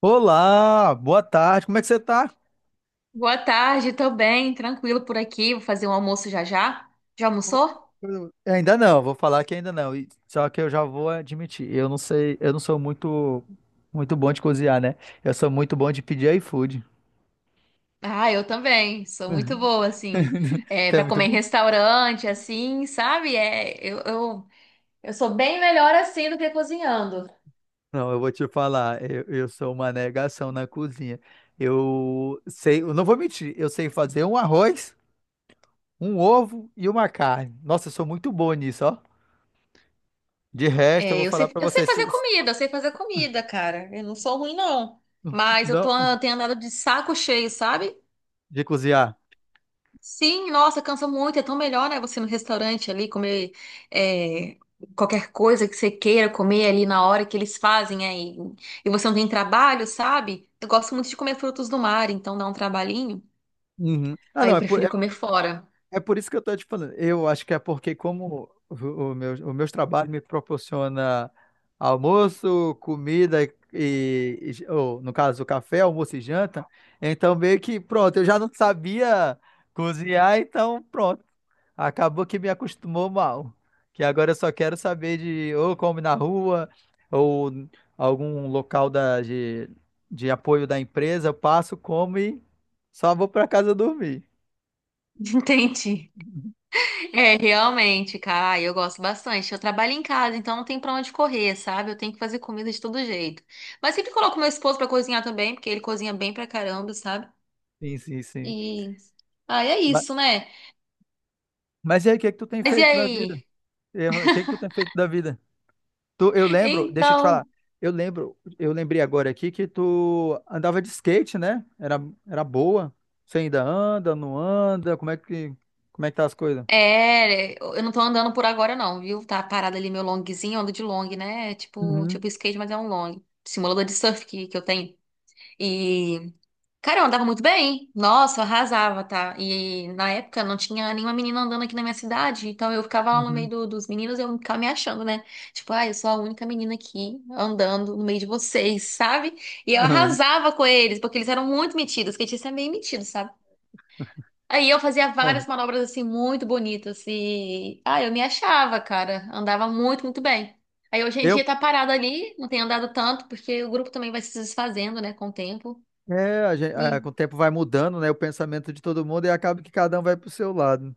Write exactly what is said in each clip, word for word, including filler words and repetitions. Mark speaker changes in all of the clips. Speaker 1: Olá, boa tarde, como é que você tá?
Speaker 2: Boa tarde, tô bem, tranquilo por aqui. Vou fazer um almoço já já. Já almoçou?
Speaker 1: Ainda não, vou falar que ainda não. e- Só que eu já vou admitir, eu não sei, eu não sou muito muito bom de cozinhar, né? Eu sou muito bom de pedir iFood.
Speaker 2: Ah, eu também. Sou muito boa, assim, é,
Speaker 1: Você é
Speaker 2: para
Speaker 1: muito
Speaker 2: comer em
Speaker 1: bom.
Speaker 2: restaurante, assim, sabe? É, eu, eu, eu sou bem melhor assim do que cozinhando.
Speaker 1: Não, eu vou te falar, eu, eu sou uma negação na cozinha. Eu sei, eu não vou mentir, eu sei fazer um arroz, um ovo e uma carne. Nossa, eu sou muito bom nisso, ó. De resto, eu
Speaker 2: É,
Speaker 1: vou
Speaker 2: eu
Speaker 1: falar
Speaker 2: sei,
Speaker 1: pra
Speaker 2: eu sei fazer
Speaker 1: vocês,
Speaker 2: comida, eu sei fazer comida, cara. Eu não sou ruim, não. Mas eu
Speaker 1: não,
Speaker 2: tô, eu tenho andado de saco cheio, sabe?
Speaker 1: de cozinhar.
Speaker 2: Sim, nossa, cansa muito. É tão melhor, né? Você ir no restaurante ali comer é, qualquer coisa que você queira comer ali na hora que eles fazem aí. E você não tem trabalho, sabe? Eu gosto muito de comer frutos do mar, então dá um trabalhinho.
Speaker 1: Uhum. Ah,
Speaker 2: Aí
Speaker 1: não,
Speaker 2: eu
Speaker 1: é,
Speaker 2: prefiro comer fora.
Speaker 1: é por isso que eu tô te falando. Eu acho que é porque como o, o meu, o meus trabalhos me proporciona almoço, comida e, e- ou, no caso, café, almoço e janta, então meio que pronto, eu já não sabia cozinhar, então pronto. Acabou que me acostumou mal. Que agora eu só quero saber de ou come na rua ou algum local da, de, de apoio da empresa, eu passo, como e só vou para casa dormir.
Speaker 2: Entendi. É, realmente, cara, eu gosto bastante. Eu trabalho em casa, então não tem pra onde correr, sabe? Eu tenho que fazer comida de todo jeito. Mas sempre coloco meu esposo pra cozinhar também, porque ele cozinha bem pra caramba, sabe?
Speaker 1: Sim, sim, sim.
Speaker 2: E. Ah, é isso, né?
Speaker 1: Mas e aí, o que é que tu tem
Speaker 2: Mas e
Speaker 1: feito da vida?
Speaker 2: aí?
Speaker 1: Eu- O que é que tu tem feito da vida? Tu, eu lembro, deixa eu te
Speaker 2: Então,
Speaker 1: falar. Eu lembro, eu lembrei agora aqui que tu andava de skate, né? Era, era boa. Você ainda anda, não anda? Como é que, como é que tá as coisas?
Speaker 2: é, eu não tô andando por agora não, viu? Tá parado ali meu longzinho, eu ando de long, né? É tipo,
Speaker 1: Uhum,
Speaker 2: tipo skate, mas é um long. Simulador de surf que, que eu tenho. E, cara, eu andava muito bem. Nossa, eu arrasava, tá? E na época não tinha nenhuma menina andando aqui na minha cidade, então eu ficava lá no meio
Speaker 1: uhum.
Speaker 2: do- dos meninos e eu ficava me achando, né? Tipo, ah, eu sou a única menina aqui andando no meio de vocês, sabe? E eu
Speaker 1: Aham,
Speaker 2: arrasava com eles, porque eles eram muito metidos. Skatista é meio metido, sabe? Aí eu fazia
Speaker 1: aham.
Speaker 2: várias manobras assim muito bonitas e ah, eu me achava, cara, andava muito, muito bem. Aí hoje em
Speaker 1: Eu,
Speaker 2: dia tá parado ali, não tem andado tanto porque o grupo também vai se desfazendo, né, com o tempo.
Speaker 1: é, a gen- é,
Speaker 2: E
Speaker 1: com o tempo vai mudando, né? O pensamento de todo mundo e acaba que cada um vai pro seu lado, né?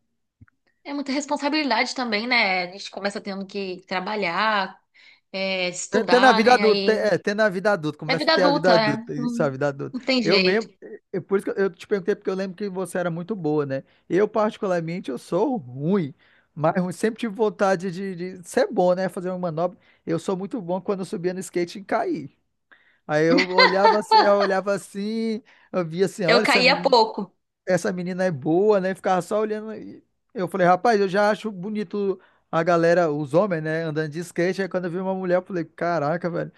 Speaker 2: é muita responsabilidade também, né? A gente começa tendo que trabalhar, é,
Speaker 1: Tem tem na
Speaker 2: estudar,
Speaker 1: vida
Speaker 2: né?
Speaker 1: adulta, tem,
Speaker 2: Aí
Speaker 1: é, tem na vida adulta,
Speaker 2: é
Speaker 1: começa a
Speaker 2: vida
Speaker 1: ter a vida
Speaker 2: adulta, é.
Speaker 1: adulta, isso, a
Speaker 2: Não,
Speaker 1: vida adulta.
Speaker 2: não tem
Speaker 1: Eu
Speaker 2: jeito.
Speaker 1: mesmo, eu, por isso que eu te perguntei, porque eu lembro que você era muito boa, né? Eu, particularmente, eu sou ruim, mas eu sempre tive vontade de, de ser bom, né? Fazer uma manobra. Eu sou muito bom quando eu subia no skate e caí. Aí eu olhava, assim- eu olhava assim, eu via assim, olha,
Speaker 2: Eu
Speaker 1: essa,
Speaker 2: caía
Speaker 1: meni-
Speaker 2: pouco.
Speaker 1: essa menina é boa, né? Ficava só olhando. e Eu falei, rapaz, eu já acho bonito a galera, os homens, né, andando de skate. Aí quando eu vi uma mulher, eu falei, caraca, velho.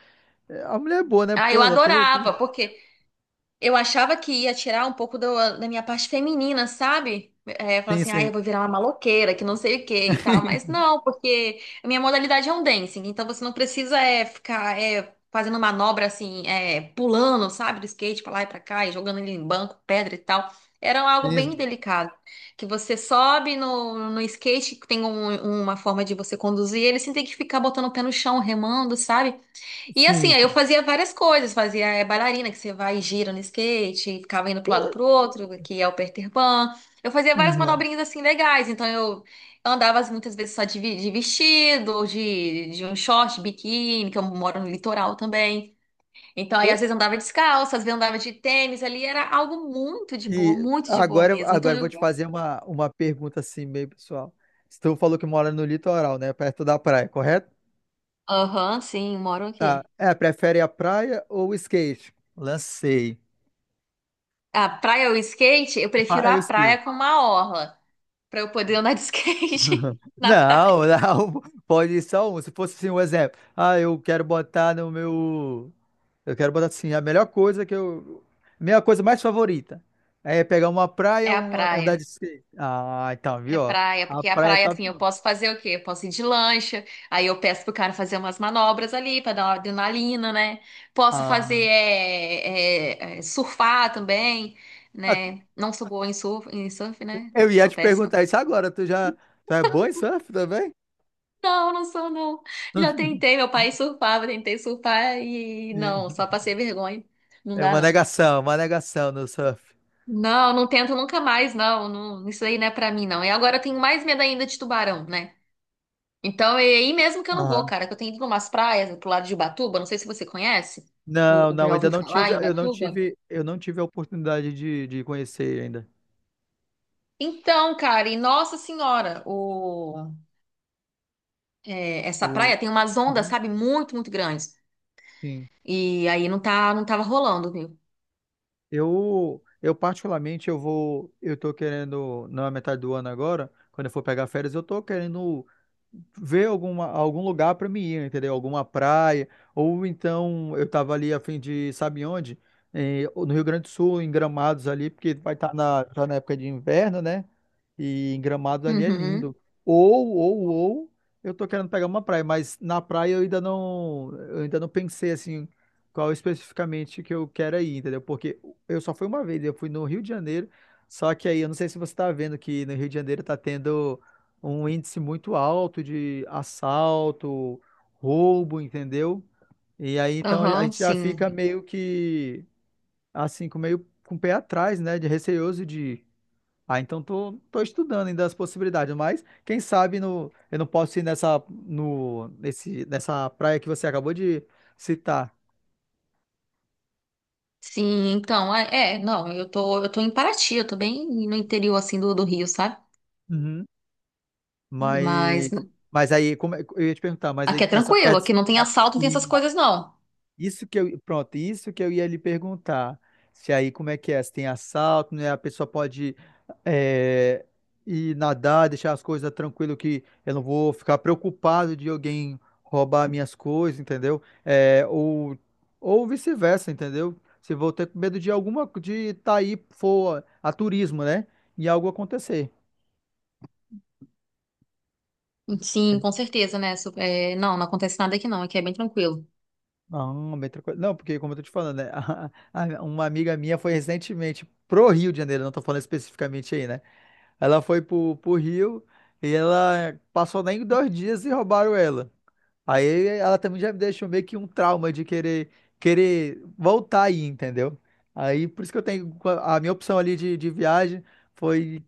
Speaker 1: É, a mulher é boa, né?
Speaker 2: Ah,
Speaker 1: Pô,
Speaker 2: eu
Speaker 1: ela tem. o-
Speaker 2: adorava,
Speaker 1: tem-
Speaker 2: porque eu achava que ia tirar um pouco do- da minha parte feminina, sabe? É, falar
Speaker 1: Sim,
Speaker 2: assim, ah,
Speaker 1: sim.
Speaker 2: eu vou virar uma maloqueira, que não sei o que e tal. Mas não, porque a minha modalidade é um dancing, então você não precisa é, ficar é, fazendo manobra assim, é, pulando, sabe, do skate pra lá e pra cá, e jogando ele em banco, pedra e tal. Era
Speaker 1: Tem
Speaker 2: algo bem delicado, que você sobe no, no skate, que tem um- uma forma de você conduzir ele, sem ter que ficar botando o pé no chão, remando, sabe? E
Speaker 1: sim,
Speaker 2: assim, aí eu
Speaker 1: sim.
Speaker 2: fazia várias coisas, fazia eh, bailarina, que você vai e gira no skate, ficava indo
Speaker 1: Pô,
Speaker 2: pro lado pro
Speaker 1: é,
Speaker 2: outro, que é o Peter Pan. Eu fazia várias
Speaker 1: né?
Speaker 2: manobrinhas assim legais, então eu andava assim, muitas vezes só de, vi- de vestido, ou de, de um short, biquíni, que eu moro no litoral também. Então aí
Speaker 1: Pô,
Speaker 2: às vezes andava descalça, às vezes andava de tênis, ali era algo muito de boa,
Speaker 1: e
Speaker 2: muito de boa
Speaker 1: agora,
Speaker 2: mesmo. Então
Speaker 1: agora eu vou
Speaker 2: eu,
Speaker 1: te fazer uma, uma pergunta assim, meio pessoal. Se tu falou que mora no litoral, né? Perto da praia, correto?
Speaker 2: aham, sim, moro
Speaker 1: Tá.
Speaker 2: aqui.
Speaker 1: É, prefere a praia ou o skate? Lancei.
Speaker 2: A praia ou skate, eu prefiro
Speaker 1: Ah,
Speaker 2: a
Speaker 1: eu
Speaker 2: praia
Speaker 1: skate.
Speaker 2: com uma orla, pra eu poder andar de
Speaker 1: Não,
Speaker 2: skate. Na praia.
Speaker 1: não, pode ir só um. Se fosse assim um exemplo, ah, eu quero botar no meu, eu quero botar assim, a melhor coisa que eu, minha coisa mais favorita é pegar uma praia
Speaker 2: É
Speaker 1: ou
Speaker 2: a
Speaker 1: um
Speaker 2: praia.
Speaker 1: andar de skate. Ah, então,
Speaker 2: É
Speaker 1: viu, ó,
Speaker 2: praia,
Speaker 1: a
Speaker 2: porque a
Speaker 1: praia
Speaker 2: praia,
Speaker 1: tá,
Speaker 2: assim, eu posso fazer o quê? Eu posso ir de lancha, aí eu peço pro cara fazer umas manobras ali pra dar uma adrenalina, né? Posso fazer
Speaker 1: ah,
Speaker 2: é, é, é, surfar também,
Speaker 1: ah,
Speaker 2: né? Não sou boa em surf, em surf, né?
Speaker 1: eu ia
Speaker 2: Sou
Speaker 1: te
Speaker 2: péssima.
Speaker 1: perguntar isso agora, tu já, tu é bom em surf também?
Speaker 2: Não, não sou, não. Já tentei, meu pai surfava, tentei surfar e não, só passei vergonha. Não
Speaker 1: É
Speaker 2: dá,
Speaker 1: uma
Speaker 2: não.
Speaker 1: negação, uma negação no surf.
Speaker 2: Não, não tento nunca mais, não. Não, isso aí não é pra mim, não. E agora eu tenho mais medo ainda de tubarão, né? Então, é aí mesmo que eu não vou, cara, que eu tenho ido umas praias pro lado de Ubatuba, não sei se você conhece,
Speaker 1: Não,
Speaker 2: o, o-
Speaker 1: não,
Speaker 2: já
Speaker 1: ainda
Speaker 2: ouviu
Speaker 1: não
Speaker 2: falar
Speaker 1: tive,
Speaker 2: em
Speaker 1: eu não
Speaker 2: Ubatuba?
Speaker 1: tive, eu não tive a oportunidade de, de conhecer ainda.
Speaker 2: Então, cara, e Nossa Senhora, o, é, essa
Speaker 1: O,
Speaker 2: praia tem umas ondas,
Speaker 1: uhum.
Speaker 2: sabe, muito, muito grandes.
Speaker 1: Sim.
Speaker 2: E aí não tá, não tava rolando, viu?
Speaker 1: Eu, eu particularmente, eu vou, eu tô querendo, na metade do ano agora, quando eu for pegar férias, eu tô querendo ver alguma, algum lugar para mim ir, entendeu? Alguma praia, ou então eu tava ali a fim de, sabe onde? Eh, no Rio Grande do Sul, em Gramados ali, porque vai estar na, tá na época de inverno, né? E em Gramados ali é lindo.
Speaker 2: Uhum,
Speaker 1: Ou, ou, ou, eu tô querendo pegar uma praia, mas na praia eu ainda não, eu ainda não pensei assim qual especificamente que eu quero ir, entendeu? Porque eu só fui uma vez, eu fui no Rio de Janeiro, só que aí eu não sei se você está vendo que no Rio de Janeiro está tendo um índice muito alto de assalto, roubo, entendeu? E aí então a
Speaker 2: aham,
Speaker 1: gente já
Speaker 2: sim.
Speaker 1: fica meio que assim, com meio com o pé atrás, né, de receoso de. Ah, então tô, tô estudando ainda as possibilidades, mas quem sabe no, eu não posso ir nessa no nesse nessa praia que você acabou de citar.
Speaker 2: Sim, então, é, é, não, eu tô, eu tô em Paraty, eu tô bem no interior, assim, do, do Rio, sabe?
Speaker 1: Uhum.
Speaker 2: Mas
Speaker 1: Mas, mas aí, como é- eu ia te perguntar, mas
Speaker 2: aqui
Speaker 1: aí
Speaker 2: é
Speaker 1: nessa
Speaker 2: tranquilo, aqui
Speaker 1: perto.
Speaker 2: não tem
Speaker 1: a-
Speaker 2: assalto, não tem essas
Speaker 1: e
Speaker 2: coisas, não.
Speaker 1: Isso que eu, pronto, isso que eu ia lhe perguntar. Se aí, como é que é? Se tem assalto, né? A pessoa pode é, ir nadar, deixar as coisas tranquilo, que eu não vou ficar preocupado de alguém roubar minhas coisas, entendeu? É, ou ou vice-versa, entendeu? Se vou ter medo de alguma, de estar aí, for a turismo, né? E algo acontecer.
Speaker 2: Sim, com certeza, né? Su- é, não, não acontece nada aqui não, aqui é bem tranquilo.
Speaker 1: Ah, bem tranquilo. Não, porque como eu tô te falando, né? A- a- uma amiga minha foi recentemente pro Rio de Janeiro, não tô falando especificamente aí, né? Ela foi pro, pro Rio e ela passou nem dois dias e roubaram ela. Aí ela também já me deixou meio que um trauma de querer, querer voltar aí, entendeu? Aí por isso que eu tenho a minha opção ali de, de viagem foi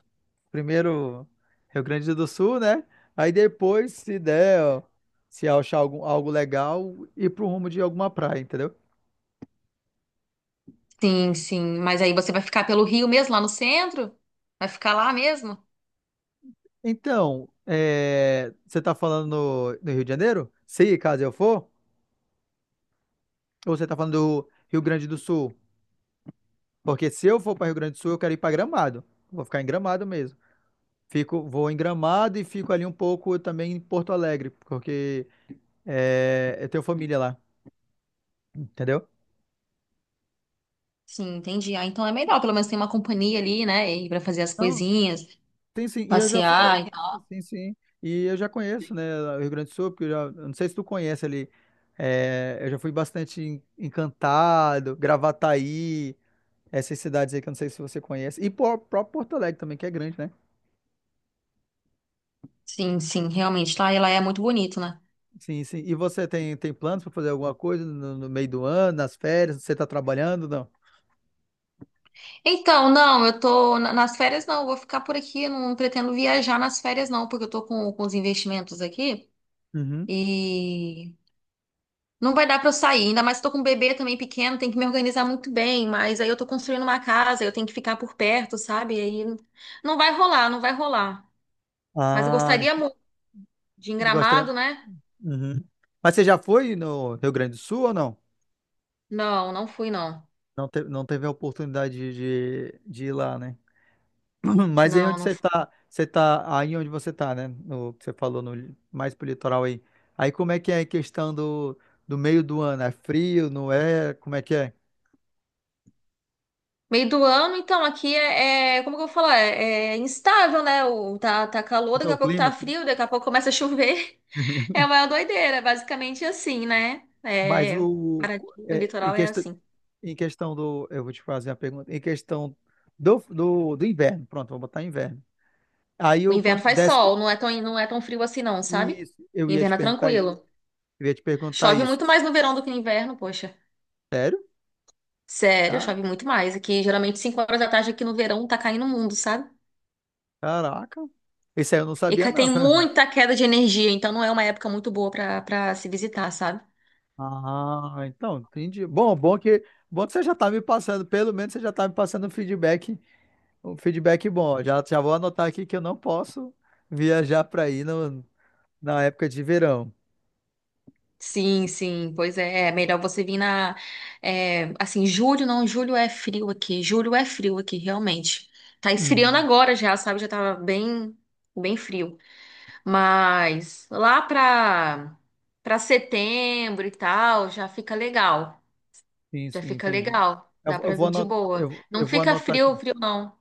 Speaker 1: primeiro Rio Grande do Sul, né? Aí depois, se der, ó, se achar algum, algo legal, ir pro rumo de alguma praia, entendeu?
Speaker 2: Sim, sim, mas aí você vai ficar pelo Rio mesmo, lá no centro? Vai ficar lá mesmo?
Speaker 1: Então, é, você está falando no, no Rio de Janeiro? Se caso eu for, ou você está falando do Rio Grande do Sul? Porque se eu for para Rio Grande do Sul, eu quero ir para Gramado. Vou ficar em Gramado mesmo. Fico, vou em Gramado e fico ali um pouco também em Porto Alegre, porque é, eu tenho família lá, entendeu?
Speaker 2: Sim, entendi. Ah, então é melhor, pelo menos tem uma companhia ali, né? E pra fazer as
Speaker 1: Não,
Speaker 2: coisinhas,
Speaker 1: tem sim. E eu já fui,
Speaker 2: passear e tal.
Speaker 1: sim, sim. E eu já conheço, né, o Rio Grande do Sul, porque eu já, eu não sei se tu conhece ali. É, eu já fui bastante em- encantado, Gravataí. Essas cidades aí que eu não sei se você conhece. E por- próprio Porto Alegre também, que é grande, né?
Speaker 2: Sim, sim, realmente, lá ela é muito bonito, né?
Speaker 1: Sim, sim. E você tem, tem planos para fazer alguma coisa no, no meio do ano, nas férias? Você está trabalhando? Não?
Speaker 2: Então, não, eu tô na- nas férias não, eu vou ficar por aqui, eu não pretendo viajar nas férias não, porque eu tô com, com os investimentos aqui.
Speaker 1: Uhum.
Speaker 2: E não vai dar pra eu sair, ainda mais que eu tô com um bebê também pequeno, tem que me organizar muito bem, mas aí eu tô construindo uma casa, eu tenho que ficar por perto, sabe? Aí não vai rolar, não vai rolar. Mas eu
Speaker 1: Ah,
Speaker 2: gostaria muito de ir em
Speaker 1: e gostaria.
Speaker 2: Gramado, né?
Speaker 1: Uhum. Mas você já foi no Rio Grande do Sul ou não?
Speaker 2: Não, não fui, não.
Speaker 1: Não, te- não teve a oportunidade de, de, de ir lá, né? Mas aí
Speaker 2: Não,
Speaker 1: onde
Speaker 2: não
Speaker 1: você
Speaker 2: fui.
Speaker 1: tá, você tá, aí onde você tá, né? No que você falou, no, mais pro litoral aí. Aí como é que é a questão do, do meio do ano? É frio, não é? Como é que é?
Speaker 2: Meio do ano, então, aqui é, é- como que eu vou falar? É, é instável, né? O, tá, tá calor,
Speaker 1: Como é
Speaker 2: daqui a
Speaker 1: o
Speaker 2: pouco
Speaker 1: clima?
Speaker 2: tá frio, daqui a pouco começa a chover. É uma doideira, basicamente assim, né?
Speaker 1: Mas
Speaker 2: É,
Speaker 1: o
Speaker 2: Paraty, o
Speaker 1: é, em
Speaker 2: litoral é
Speaker 1: questão
Speaker 2: assim.
Speaker 1: em questão do eu vou te fazer a pergunta em questão do, do, do inverno, pronto, vou botar inverno. Aí
Speaker 2: O
Speaker 1: o
Speaker 2: inverno
Speaker 1: quanto
Speaker 2: faz
Speaker 1: desce
Speaker 2: sol, não é tão, não é tão frio assim não, sabe?
Speaker 1: isso, eu ia te
Speaker 2: Inverno é
Speaker 1: perguntar isso,
Speaker 2: tranquilo.
Speaker 1: eu ia te perguntar
Speaker 2: Chove
Speaker 1: isso.
Speaker 2: muito mais no verão do que no inverno, poxa.
Speaker 1: Sério?
Speaker 2: Sério,
Speaker 1: Ca-
Speaker 2: chove muito mais. Aqui, geralmente, cinco horas da tarde aqui no verão tá caindo o mundo, sabe?
Speaker 1: Caraca. Isso aí eu não
Speaker 2: E
Speaker 1: sabia
Speaker 2: ca-
Speaker 1: não.
Speaker 2: tem
Speaker 1: Fran.
Speaker 2: muita queda de energia, então não é uma época muito boa pra, pra se visitar, sabe?
Speaker 1: Ah, então, entendi. Bom, bom que bom que você já tá me passando, pelo menos você já tá me passando um feedback, um feedback bom. Já já vou anotar aqui que eu não posso viajar para aí no, na época de verão.
Speaker 2: Sim, sim, pois é. É melhor você vir na. É, assim, julho não, julho é frio aqui. Julho é frio aqui, realmente. Tá esfriando
Speaker 1: Uhum.
Speaker 2: agora já, sabe? Já tava bem, bem frio. Mas lá para para setembro e tal, já fica legal.
Speaker 1: Sim,
Speaker 2: Já
Speaker 1: sim,
Speaker 2: fica
Speaker 1: entendi.
Speaker 2: legal.
Speaker 1: Eu,
Speaker 2: Dá
Speaker 1: vou- eu
Speaker 2: para
Speaker 1: vou
Speaker 2: vir de
Speaker 1: anotar,
Speaker 2: boa.
Speaker 1: eu,
Speaker 2: Não
Speaker 1: eu vou
Speaker 2: fica
Speaker 1: anotar aqui.
Speaker 2: frio, frio não.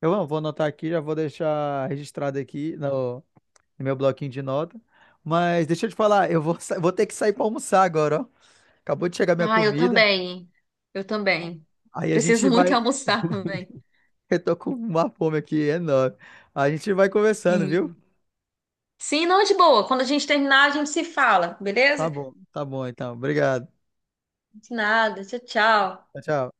Speaker 1: Eu vou vou anotar aqui, já vou deixar registrado aqui no, no meu bloquinho de nota. Mas deixa eu te falar, eu vou, sa- vou ter que sair para almoçar agora, ó. Acabou de chegar minha
Speaker 2: Ah, eu
Speaker 1: comida.
Speaker 2: também. Eu também.
Speaker 1: Aí a gente
Speaker 2: Preciso muito
Speaker 1: vai.
Speaker 2: almoçar também.
Speaker 1: Eu tô com uma fome aqui enorme. A gente vai conversando, viu?
Speaker 2: Sim. Sim, não de boa. Quando a gente terminar, a gente se fala,
Speaker 1: Tá
Speaker 2: beleza?
Speaker 1: bom, tá bom então. Obrigado.
Speaker 2: De nada. Tchau, tchau.
Speaker 1: Tchau, tchau.